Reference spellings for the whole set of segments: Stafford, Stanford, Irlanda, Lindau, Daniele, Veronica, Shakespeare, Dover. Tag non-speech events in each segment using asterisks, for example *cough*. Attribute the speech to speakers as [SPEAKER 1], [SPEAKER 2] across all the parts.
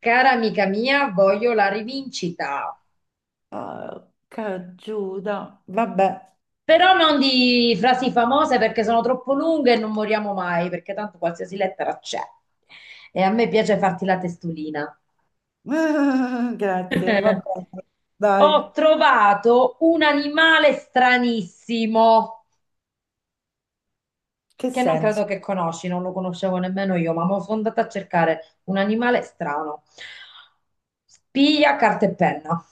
[SPEAKER 1] Cara amica mia, voglio la rivincita,
[SPEAKER 2] Porca Giuda. Vabbè.
[SPEAKER 1] però non di frasi famose perché sono troppo lunghe e non moriamo mai, perché tanto qualsiasi lettera c'è. E a me piace farti la testolina.
[SPEAKER 2] *laughs* Grazie, vabbè.
[SPEAKER 1] *laughs*
[SPEAKER 2] Dai,
[SPEAKER 1] Ho trovato un animale stranissimo
[SPEAKER 2] che
[SPEAKER 1] che non credo
[SPEAKER 2] senso?
[SPEAKER 1] che conosci, non lo conoscevo nemmeno io, ma mo sono andata a cercare un animale strano. Spia, carta e penna.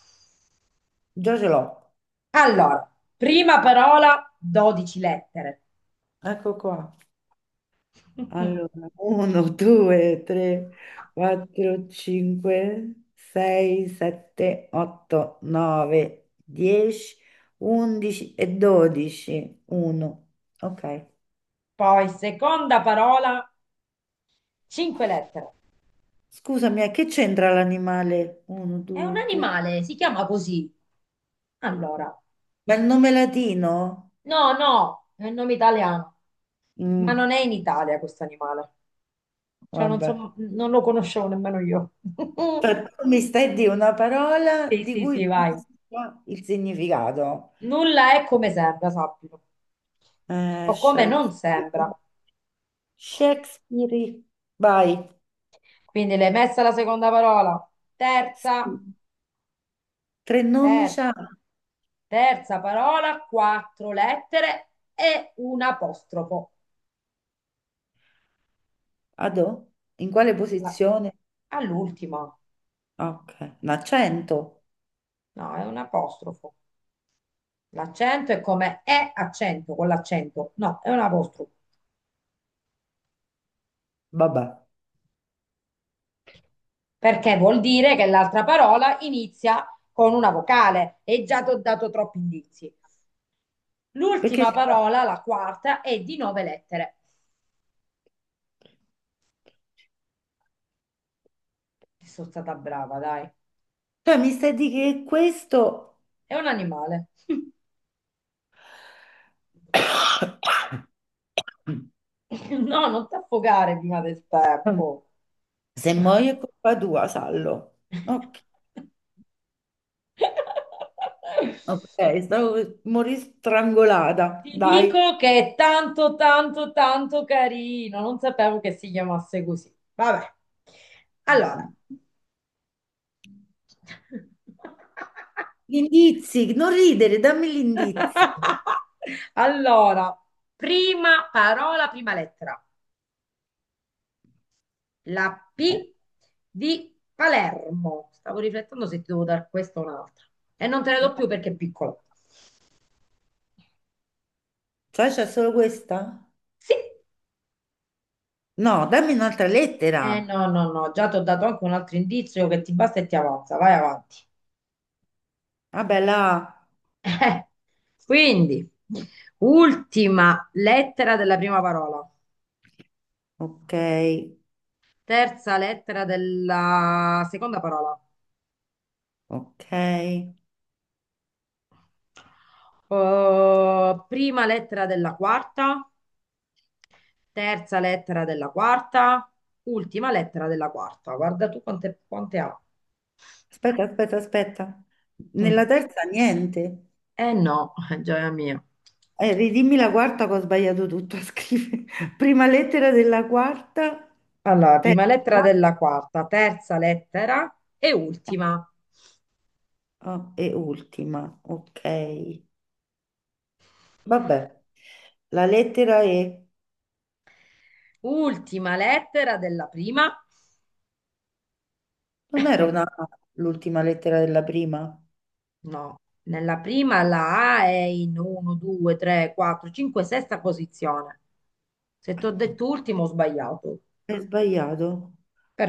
[SPEAKER 2] Già ce l'ho.
[SPEAKER 1] Allora, prima parola, 12 lettere.
[SPEAKER 2] Ecco qua.
[SPEAKER 1] *laughs*
[SPEAKER 2] Allora, 1, 2, 3, 4, 5, 6, 7, 8, 9, 10, 11 e 12. 1. Ok.
[SPEAKER 1] Poi, seconda parola, cinque lettere.
[SPEAKER 2] Scusami, a che c'entra l'animale? 1,
[SPEAKER 1] È un
[SPEAKER 2] 2, 3.
[SPEAKER 1] animale, si chiama così. Allora,
[SPEAKER 2] Ma il nome latino?
[SPEAKER 1] no, no, è un nome italiano, ma
[SPEAKER 2] Mm,
[SPEAKER 1] non è in Italia questo animale. Cioè, non
[SPEAKER 2] vabbè.
[SPEAKER 1] so, non lo conoscevo nemmeno io.
[SPEAKER 2] Cioè,
[SPEAKER 1] *laughs*
[SPEAKER 2] tu mi stai di una parola
[SPEAKER 1] Sì,
[SPEAKER 2] di
[SPEAKER 1] sì,
[SPEAKER 2] cui
[SPEAKER 1] sì,
[SPEAKER 2] non
[SPEAKER 1] vai.
[SPEAKER 2] si sa il significato.
[SPEAKER 1] Nulla è come sembra, sappilo, o come non sembra.
[SPEAKER 2] Shakespeare. Shakespeare. Vai.
[SPEAKER 1] Quindi l'hai messa la seconda parola. Terza,
[SPEAKER 2] Sì. Tre nomi
[SPEAKER 1] ter-
[SPEAKER 2] c'ha.
[SPEAKER 1] terza parola, quattro lettere e un apostrofo.
[SPEAKER 2] Adò? In quale
[SPEAKER 1] La-
[SPEAKER 2] posizione?
[SPEAKER 1] All'ultima,
[SPEAKER 2] Ok. Un accento?
[SPEAKER 1] no, è un apostrofo. L'accento è come è accento con l'accento, no, è un apostrofo.
[SPEAKER 2] Vabbè.
[SPEAKER 1] Perché vuol dire che l'altra parola inizia con una vocale e già ti ho dato troppi indizi.
[SPEAKER 2] Perché
[SPEAKER 1] L'ultima
[SPEAKER 2] c'è una-
[SPEAKER 1] parola, la quarta, è di nove lettere. Sono stata brava, dai.
[SPEAKER 2] Cioè, mi stai di che questo...
[SPEAKER 1] È un animale. *laughs*
[SPEAKER 2] *coughs*
[SPEAKER 1] No, non ti affogare prima del tempo.
[SPEAKER 2] Se muoio è colpa tua, sallo. Ok,
[SPEAKER 1] *laughs*
[SPEAKER 2] ok, stavo... morì strangolata.
[SPEAKER 1] Ti
[SPEAKER 2] Dai.
[SPEAKER 1] dico che è tanto, tanto, tanto carino. Non sapevo che si chiamasse così. Vabbè. Allora.
[SPEAKER 2] Gli indizi, non ridere, dammi gli indizi.
[SPEAKER 1] *laughs* Allora, prima parola, prima lettera. La
[SPEAKER 2] Eh,
[SPEAKER 1] P di Palermo. Stavo riflettendo se ti devo dare questa o un'altra. E non te ne do più perché è piccola.
[SPEAKER 2] Cioè, c'è solo questa?
[SPEAKER 1] Sì.
[SPEAKER 2] No, dammi un'altra lettera.
[SPEAKER 1] Eh no, già ti ho dato anche un altro indizio che ti basta e ti avanza. Vai avanti.
[SPEAKER 2] Vabbè, là.
[SPEAKER 1] Eh, Quindi, ultima lettera della prima parola,
[SPEAKER 2] Ok,
[SPEAKER 1] terza lettera della seconda parola,
[SPEAKER 2] ok.
[SPEAKER 1] prima lettera della quarta, terza lettera della quarta, ultima lettera della quarta. Guarda tu quante ha.
[SPEAKER 2] Aspetta, aspetta, aspetta.
[SPEAKER 1] Mm.
[SPEAKER 2] Nella terza niente.
[SPEAKER 1] Eh no, *laughs* gioia mia.
[SPEAKER 2] Ridimmi la quarta che ho sbagliato tutto a scrivere. *laughs* Prima lettera della quarta,
[SPEAKER 1] Allora, prima lettera
[SPEAKER 2] terza
[SPEAKER 1] della quarta, terza lettera e ultima.
[SPEAKER 2] oh, e ultima. Ok. Vabbè. La lettera E.
[SPEAKER 1] Ultima lettera della prima.
[SPEAKER 2] Non era una A, l'ultima lettera della prima?
[SPEAKER 1] No, nella prima la A è in 1, 2, 3, 4, 5, sesta posizione. Se ti ho
[SPEAKER 2] No,
[SPEAKER 1] detto ultimo ho sbagliato.
[SPEAKER 2] è sbagliato.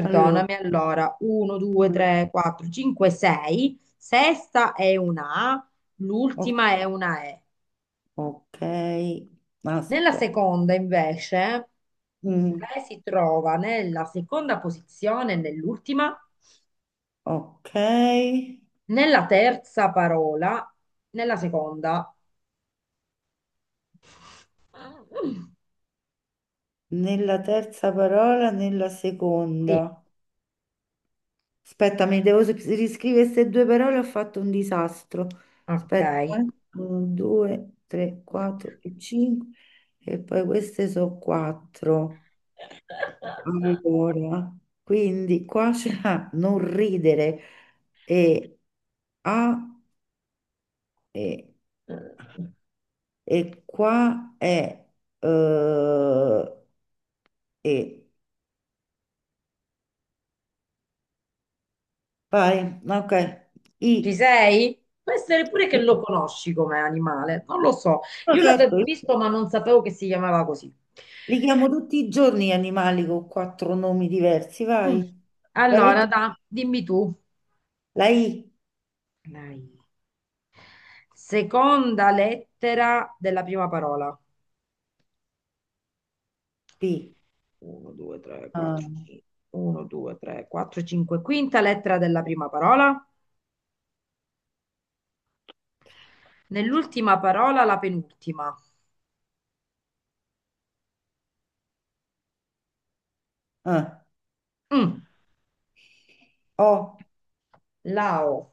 [SPEAKER 2] Allora,
[SPEAKER 1] allora. 1, 2,
[SPEAKER 2] due.
[SPEAKER 1] 3, 4, 5, 6. Sesta è una A,
[SPEAKER 2] O-
[SPEAKER 1] l'ultima è una E.
[SPEAKER 2] ok,
[SPEAKER 1] Nella
[SPEAKER 2] aspetta.
[SPEAKER 1] seconda invece,
[SPEAKER 2] Mm,
[SPEAKER 1] lei si trova nella seconda posizione, nell'ultima,
[SPEAKER 2] ok,
[SPEAKER 1] nella terza parola, nella seconda.
[SPEAKER 2] nella terza parola, nella
[SPEAKER 1] Sì,
[SPEAKER 2] seconda. Aspetta, mi devo riscrivere queste due parole, ho fatto un disastro. Aspetta,
[SPEAKER 1] ok.
[SPEAKER 2] eh. Uno, due, tre, quattro e cinque. E poi queste sono quattro. Allora, quindi qua c'era *laughs* non ridere e a e, e qua è eh, e vai, ok.
[SPEAKER 1] Ci
[SPEAKER 2] I,
[SPEAKER 1] sei? Può essere pure che lo
[SPEAKER 2] i-
[SPEAKER 1] conosci come animale, non lo so.
[SPEAKER 2] no,
[SPEAKER 1] Io
[SPEAKER 2] certo,
[SPEAKER 1] l'avevo
[SPEAKER 2] io
[SPEAKER 1] visto, ma non sapevo che si chiamava così.
[SPEAKER 2] li chiamo tutti i giorni gli animali con quattro nomi diversi,
[SPEAKER 1] Mm.
[SPEAKER 2] vai. La
[SPEAKER 1] Allora,
[SPEAKER 2] lettera
[SPEAKER 1] dimmi tu.
[SPEAKER 2] la I,
[SPEAKER 1] Dai. Seconda lettera della prima parola.
[SPEAKER 2] P,
[SPEAKER 1] 1, 2, 3,
[SPEAKER 2] ah,
[SPEAKER 1] 4, 5. 1, 2, 3, 4, 5. Quinta lettera della prima parola. Nell'ultima parola, la penultima.
[SPEAKER 2] ah,
[SPEAKER 1] Mm.
[SPEAKER 2] O,
[SPEAKER 1] Lao.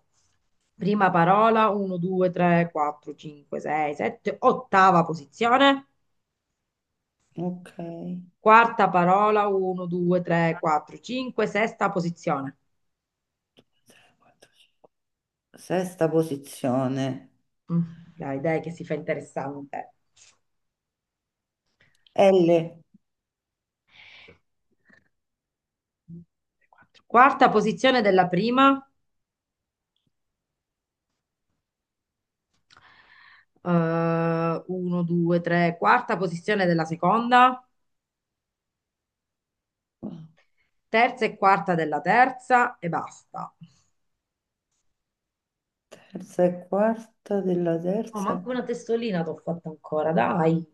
[SPEAKER 1] Prima parola, 1, 2, 3, 4, 5, 6, 7, ottava posizione.
[SPEAKER 2] ok.
[SPEAKER 1] Quarta parola, 1, 2, 3, 4, 5, sesta posizione.
[SPEAKER 2] Tre, quattro, cinque. Sesta posizione.
[SPEAKER 1] Mm. Dai, che si fa interessante.
[SPEAKER 2] L.
[SPEAKER 1] Quarta posizione della prima, 1, 2, 3, quarta posizione della seconda, terza e quarta della terza e basta.
[SPEAKER 2] Terza e quarta della
[SPEAKER 1] Oh,
[SPEAKER 2] terza. E
[SPEAKER 1] manco una testolina t'ho fatta ancora, dai.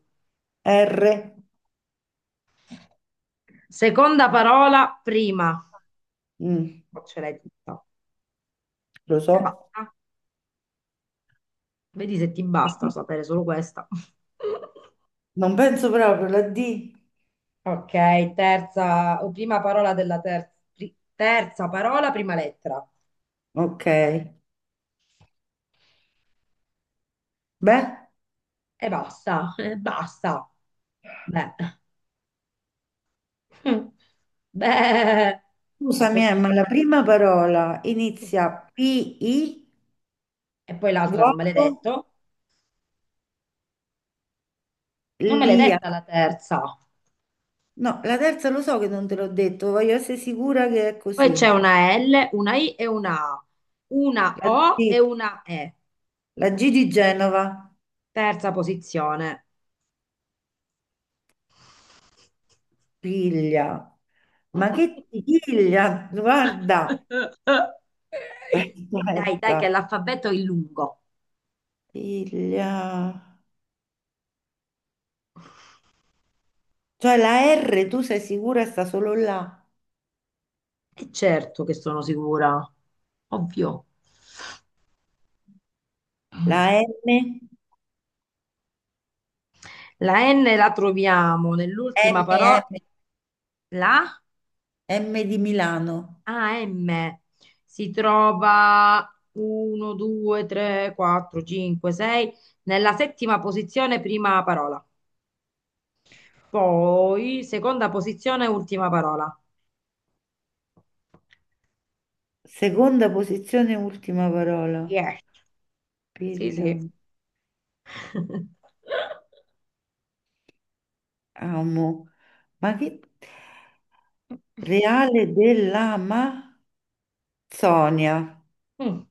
[SPEAKER 2] R.
[SPEAKER 1] Seconda parola, prima.
[SPEAKER 2] Mm,
[SPEAKER 1] Oh, ce l'hai tutta.
[SPEAKER 2] lo
[SPEAKER 1] E
[SPEAKER 2] so.
[SPEAKER 1] basta. Vedi se ti basta sapere solo questa. *laughs*
[SPEAKER 2] Non penso proprio, la D.
[SPEAKER 1] Ok, terza o prima parola della terza, terza parola, prima lettera.
[SPEAKER 2] Ok. Beh,
[SPEAKER 1] E basta, *laughs* e basta. Beh. *laughs* Beh, a
[SPEAKER 2] scusami,
[SPEAKER 1] proposito,
[SPEAKER 2] ma la prima parola inizia P-I,
[SPEAKER 1] e poi l'altra non me l'hai
[SPEAKER 2] vuoto,
[SPEAKER 1] detto? Non me l'hai
[SPEAKER 2] lia.
[SPEAKER 1] detta la terza.
[SPEAKER 2] No, la terza lo so che non te l'ho detto, voglio essere sicura che è
[SPEAKER 1] Poi
[SPEAKER 2] così.
[SPEAKER 1] c'è una L, una I e una A, una
[SPEAKER 2] La
[SPEAKER 1] O e
[SPEAKER 2] G,
[SPEAKER 1] una E.
[SPEAKER 2] la G di Genova,
[SPEAKER 1] Terza posizione.
[SPEAKER 2] piglia. Ma che
[SPEAKER 1] *laughs*
[SPEAKER 2] piglia? Guarda. *laughs*
[SPEAKER 1] Dai,
[SPEAKER 2] Aspetta,
[SPEAKER 1] che l'alfabeto è lungo.
[SPEAKER 2] piglia. Cioè la R, tu sei sicura sta solo là?
[SPEAKER 1] E certo che sono sicura, ovvio.
[SPEAKER 2] La M,
[SPEAKER 1] La N la troviamo nell'ultima
[SPEAKER 2] M, M,
[SPEAKER 1] parola, la
[SPEAKER 2] M di Milano.
[SPEAKER 1] AM. Si trova 1, 2, 3, 4, 5, 6 nella settima posizione, prima parola. Poi seconda posizione, ultima parola.
[SPEAKER 2] Seconda posizione, ultima parola.
[SPEAKER 1] Yes. Sì,
[SPEAKER 2] Pilla,
[SPEAKER 1] sì. *laughs*
[SPEAKER 2] amo. Ma che... Reale dell'Amazzonia.
[SPEAKER 1] Mm,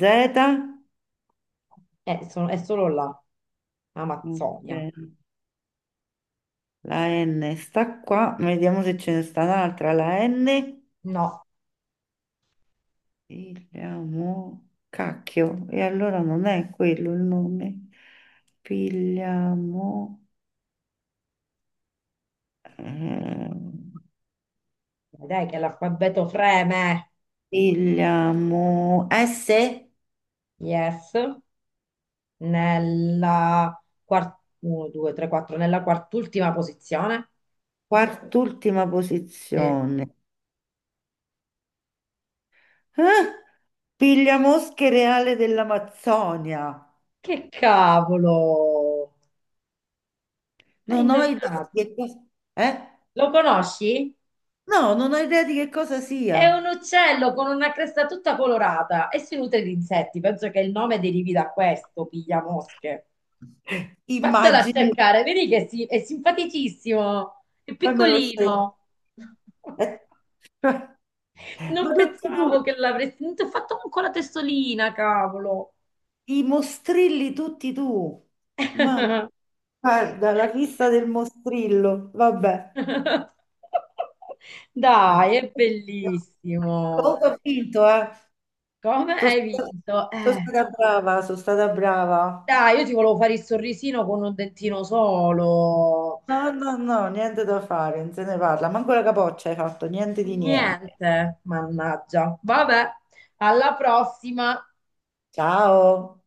[SPEAKER 2] Z.
[SPEAKER 1] è solo la Amazzonia.
[SPEAKER 2] Ok. La N sta qua. Vediamo se ce ne sta un'altra. La N.
[SPEAKER 1] No,
[SPEAKER 2] Pigliamo... Cacchio. E allora non è quello il nome. Pigliamo... Ehm,
[SPEAKER 1] dai che l'alfabeto freme.
[SPEAKER 2] pigliamo S,
[SPEAKER 1] Yes, nella uno, due, tre, quattro, nella quart'ultima posizione.
[SPEAKER 2] quart'ultima
[SPEAKER 1] Sì.
[SPEAKER 2] posizione. Eh? Piglia mosche reale dell'Amazzonia.
[SPEAKER 1] Che cavolo! Hai
[SPEAKER 2] Non ho idea
[SPEAKER 1] indovinato.
[SPEAKER 2] di che cosa... Eh?
[SPEAKER 1] Lo conosci?
[SPEAKER 2] No, non ho idea di che cosa sia.
[SPEAKER 1] È un uccello con una cresta tutta colorata e si nutre di insetti. Penso che il nome derivi da questo, piglia mosche. Vattelo a
[SPEAKER 2] Immagini,
[SPEAKER 1] cercare, vedi che è simpaticissimo, è
[SPEAKER 2] poi me lo scelgo.
[SPEAKER 1] piccolino.
[SPEAKER 2] Eh,
[SPEAKER 1] *laughs*
[SPEAKER 2] cioè,
[SPEAKER 1] Non
[SPEAKER 2] ma tutti
[SPEAKER 1] pensavo
[SPEAKER 2] tu,
[SPEAKER 1] che l'avresti... Non ti ho fatto manco la testolina, cavolo.
[SPEAKER 2] i mostrilli tutti tu. Mamma,
[SPEAKER 1] *laughs*
[SPEAKER 2] guarda, la fissa del mostrillo, vabbè.
[SPEAKER 1] *laughs*
[SPEAKER 2] Ah,
[SPEAKER 1] Dai, è bellissimo.
[SPEAKER 2] comunque ho vinto, eh.
[SPEAKER 1] Come
[SPEAKER 2] Sono
[SPEAKER 1] hai
[SPEAKER 2] stata
[SPEAKER 1] vinto?
[SPEAKER 2] Sono stata brava, sono stata brava.
[SPEAKER 1] Dai, io ti volevo fare il sorrisino con un dentino solo.
[SPEAKER 2] No, no, no, niente da fare, non se ne parla. Manco la capoccia hai fatto, niente di niente.
[SPEAKER 1] Niente, mannaggia. Vabbè, alla prossima.
[SPEAKER 2] Ciao.